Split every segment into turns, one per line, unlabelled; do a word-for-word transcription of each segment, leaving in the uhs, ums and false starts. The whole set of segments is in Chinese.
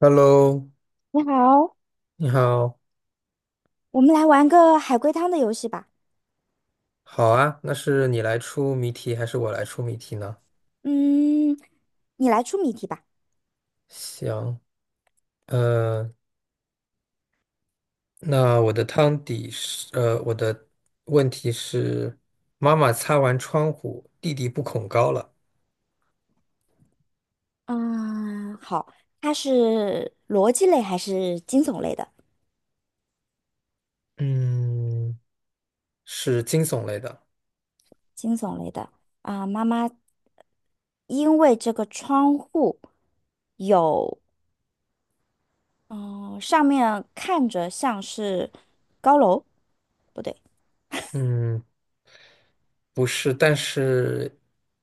Hello，
你好，
你好。
我们来玩个海龟汤的游戏吧。
好啊，那是你来出谜题还是我来出谜题呢？
嗯，你来出谜题吧。
行，呃，那我的汤底是，呃，我的问题是，妈妈擦完窗户，弟弟不恐高了。
啊，好，它是逻辑类还是惊悚类的？
嗯，是惊悚类的。
惊悚类的啊，妈妈因为这个窗户有，嗯、上面看着像是高楼，不对，
嗯，不是，但是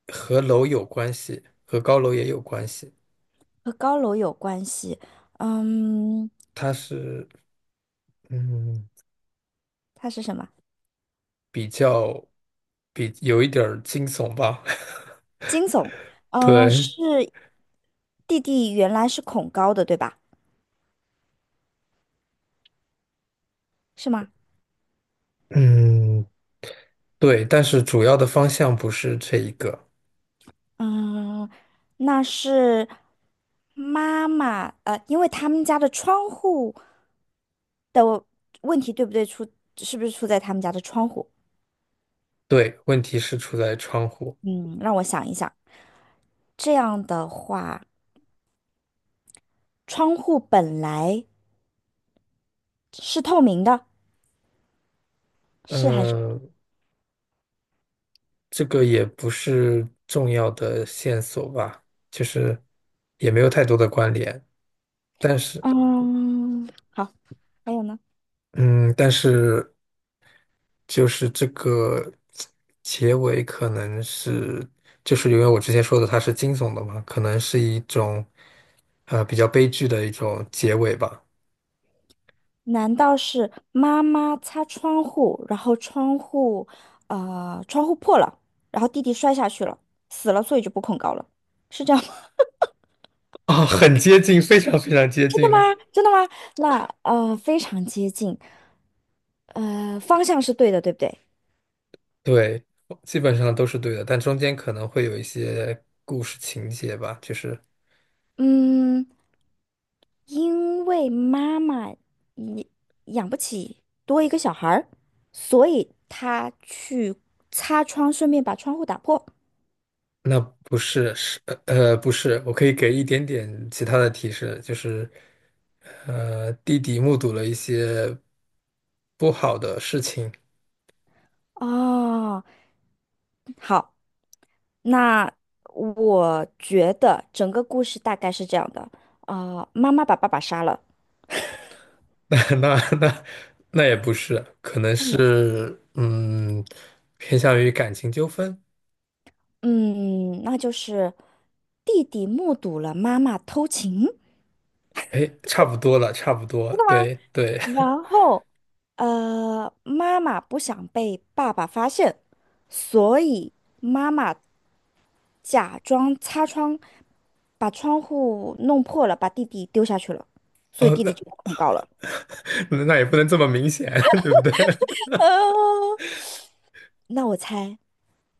和楼有关系，和高楼也有关系。
和高楼有关系。嗯，
它是，嗯，
它是什么？
比较，比有一点儿惊悚吧。
惊悚。嗯、
对。
是弟弟原来是恐高的，对吧？是吗？
嗯，对，但是主要的方向不是这一个。
嗯，那是妈妈，呃，因为他们家的窗户的问题，对不对？出，是不是出在他们家的窗户？
对，问题是出在窗户。
嗯，让我想一想。这样的话，窗户本来是透明的，是还是？
嗯，这个也不是重要的线索吧，就是也没有太多的关联。但是，
嗯，好，还有呢？
嗯，但是就是这个结尾可能是，就是因为我之前说的它是惊悚的嘛，可能是一种呃比较悲剧的一种结尾吧。
难道是妈妈擦窗户，然后窗户，呃，窗户破了，然后弟弟摔下去了，死了，所以就不恐高了，是这样吗？
啊，很接近，非常非常接
真的
近
吗？
了。
真的吗？那呃，非常接近，呃，方向是对的，对不对？
对，基本上都是对的，但中间可能会有一些故事情节吧，就是
嗯，因为妈妈也养不起多一个小孩儿，所以她去擦窗，顺便把窗户打破。
那不是是呃呃不是，我可以给一点点其他的提示，就是呃弟弟目睹了一些不好的事情。
哦，好。那我觉得整个故事大概是这样的，呃，妈妈把爸爸杀了，
那那那也不是，可能
那你
是嗯偏向于感情纠纷。
嗯，那就是弟弟目睹了妈妈偷情，
哎，差不多了，差不多，对对。
然后呃，妈妈不想被爸爸发现，所以妈妈假装擦窗，把窗户弄破了，把弟弟丢下去了，所以弟弟
哦，
就被控告了。
那那也不能这么明显，对不对？
呃，那我猜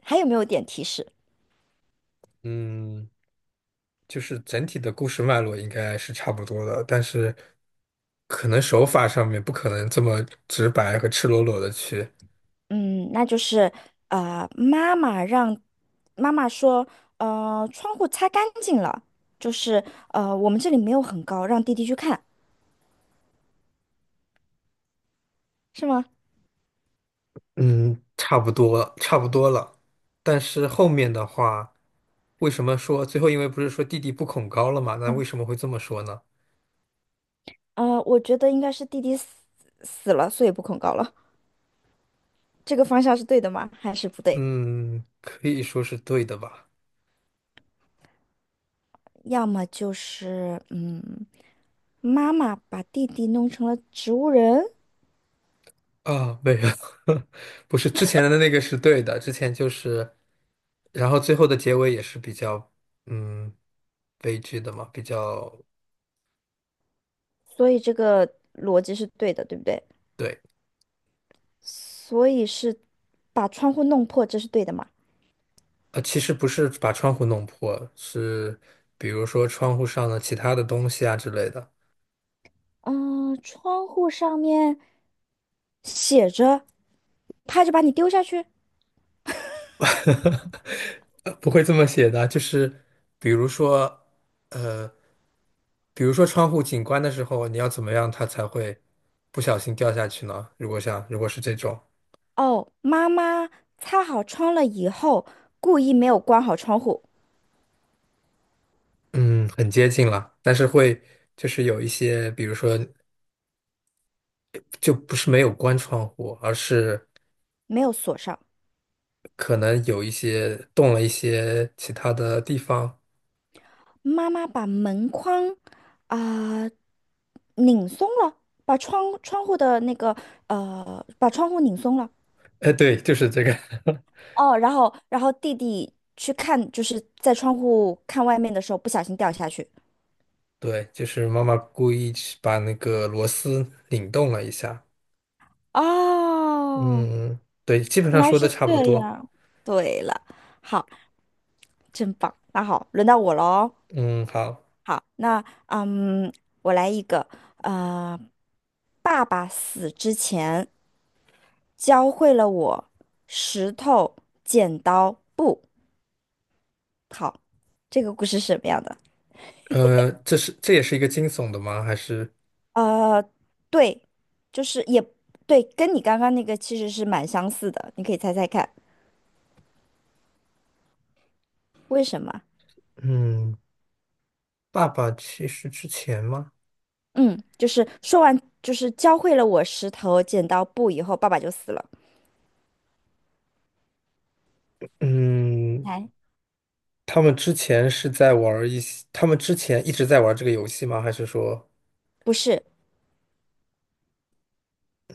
还有没有点提示？
嗯。就是整体的故事脉络应该是差不多的，但是可能手法上面不可能这么直白和赤裸裸的去。
嗯，那就是呃，妈妈让妈妈说，呃，窗户擦干净了，就是呃，我们这里没有很高，让弟弟去看，是吗？
嗯，差不多，差不多了。但是后面的话，为什么说最后因为不是说弟弟不恐高了嘛？那为什么会这么说呢？
呃，我觉得应该是弟弟死死了，所以不恐高了。这个方向是对的吗？还是不对？
嗯，可以说是对的吧？
要么就是嗯，妈妈把弟弟弄成了植物人，
啊，没有。不是之前的那个是对的，之前就是，然后最后的结尾也是比较，嗯，悲剧的嘛，比较。
所以这个逻辑是对的，对不对？
对。
所以是把窗户弄破，这是对的吗？
呃，其实不是把窗户弄破，是比如说窗户上的其他的东西啊之类的。
嗯，窗户上面写着，他就把你丢下去。
呃不会这么写的，就是比如说，呃，比如说窗户景观的时候，你要怎么样它才会不小心掉下去呢？如果像如果是这种，
哦，妈妈擦好窗了以后，故意没有关好窗户，
嗯，很接近了，但是会就是有一些，比如说就不是没有关窗户，而是
没有锁上。
可能有一些动了一些其他的地方。
妈妈把门框啊、拧松了，把窗窗户的那个呃，把窗户拧松了。
哎，对，就是这个。
哦，然后然后弟弟去看，就是在窗户看外面的时候不小心掉下去。
对，就是妈妈故意去把那个螺丝拧动了一下。
哦，
嗯，对，基本
原
上
来
说的
是
差不
这
多。
样。对了，好，真棒。那好，轮到我喽。
嗯，好，
好，那嗯，我来一个，呃，爸爸死之前教会了我石头、剪刀、布。好，这个故事是什么样的？
呃，这是这也是一个惊悚的吗？还是
呃，对，就是也对，跟你刚刚那个其实是蛮相似的，你可以猜猜看，为什么？
嗯，爸爸去世之前吗？
嗯，就是说完，就是教会了我石头剪刀布以后，爸爸就死了。
嗯，
来，
他们之前是在玩儿一些，他们之前一直在玩儿这个游戏吗？还是说，
不是，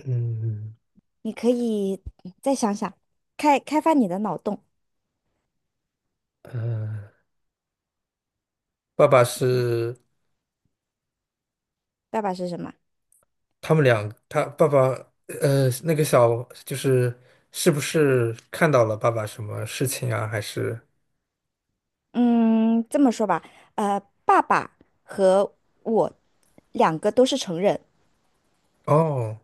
嗯，
你可以嗯再想想，开开发你的脑洞。
呃，爸爸是？
爸爸是什么？
他们俩，他爸爸，呃，那个小就是是不是看到了爸爸什么事情啊？还是
嗯，这么说吧，呃，爸爸和我两个都是成人，
哦，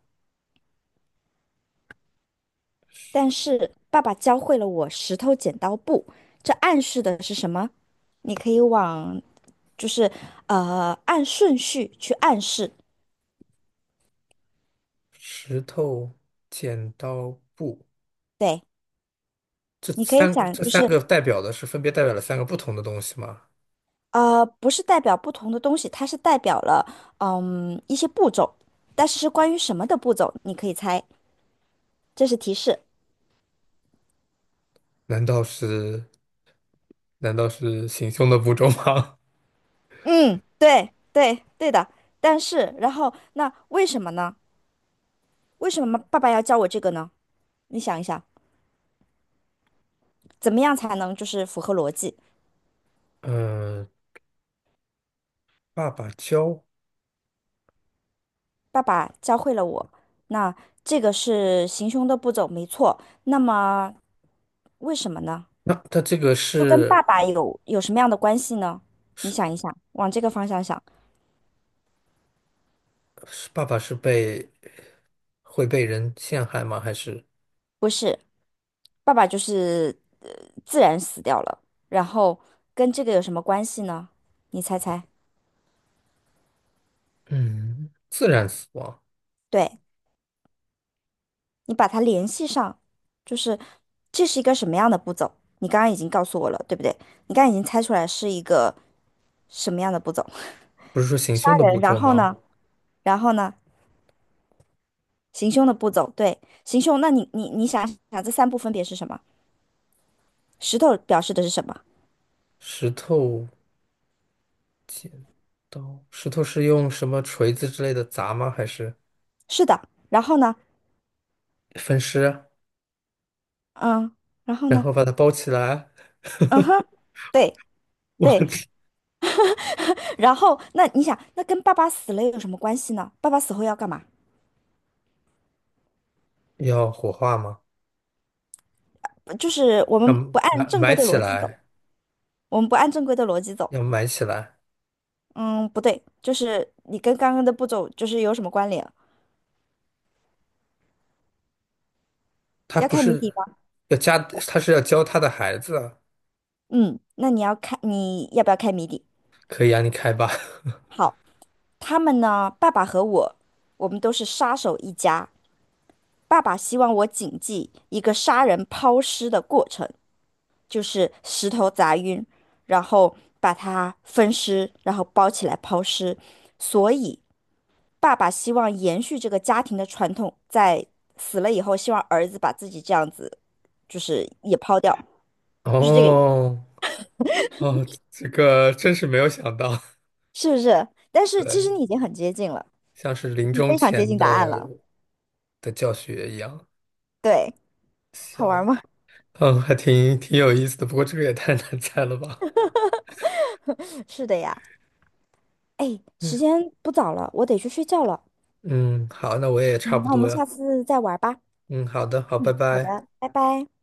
但是爸爸教会了我石头剪刀布，这暗示的是什么？你可以往就是呃按顺序去暗示，
石头、剪刀、布，
对，
这
你可以
三
讲，
这
就
三
是
个代表的是分别代表了三个不同的东西吗？
呃，不是代表不同的东西，它是代表了嗯一些步骤，但是是关于什么的步骤，你可以猜，这是提示。
难道是难道是行凶的步骤吗？
嗯，对对对的，但是然后那为什么呢？为什么爸爸要教我这个呢？你想一想，怎么样才能就是符合逻辑？
嗯，爸爸教，
爸爸教会了我，那这个是行凶的步骤，没错。那么为什么呢？
那他这个
就跟
是
爸爸有有什么样的关系呢？你
是
想一想，往这个方向想，
是爸爸是被会被人陷害吗？还是
不是。爸爸就是呃自然死掉了，然后跟这个有什么关系呢？你猜猜，
嗯，自然死亡？
对，你把它联系上，就是这是一个什么样的步骤？你刚刚已经告诉我了，对不对？你刚刚已经猜出来是一个什么样的步骤？
不是说行
杀
凶的步
人，然
骤
后
吗？
呢？然后呢？行凶的步骤，对，行凶。那你你你想想，这三步分别是什么？石头表示的是什么？
石头刀，石头是用什么锤子之类的砸吗？还是
是的，然后呢？
分尸，
嗯，然后
然
呢？
后把它包起来？
嗯哼，对
我
对，
去，
然后，那你想，那跟爸爸死了有什么关系呢？爸爸死后要干嘛？
要火化吗？
就是我
要
们不按
埋
正
埋
规的
起
逻辑走，
来，
我们不按正规的逻辑走。
要埋起来。
嗯，不对，就是你跟刚刚的步骤就是有什么关联？
他
要
不
开谜底
是
吗？
要家，他是要教他的孩子啊。
嗯，那你要开，你要不要开谜底？
可以啊，你开吧。
好，他们呢，爸爸和我，我们都是杀手一家。爸爸希望我谨记一个杀人抛尸的过程，就是石头砸晕，然后把它分尸，然后包起来抛尸。所以，爸爸希望延续这个家庭的传统，在死了以后，希望儿子把自己这样子，就是也抛掉，就是这个意思，
哦哦，这个真是没有想到。
是不是？但 是其实
对，
你已经很接近了，
像是
已
临
经
终
非常接
前
近答案
的
了。
的教学一样，
对，好玩
行。
吗？
嗯，还挺挺有意思的，不过这个也太难猜了吧？
是的呀。哎，时
嗯，
间不早了，我得去睡觉了。
嗯好，那我也差
嗯
不
那我
多
们
呀。
下次再玩吧。
嗯，好的，好，拜
好
拜。
的，拜拜。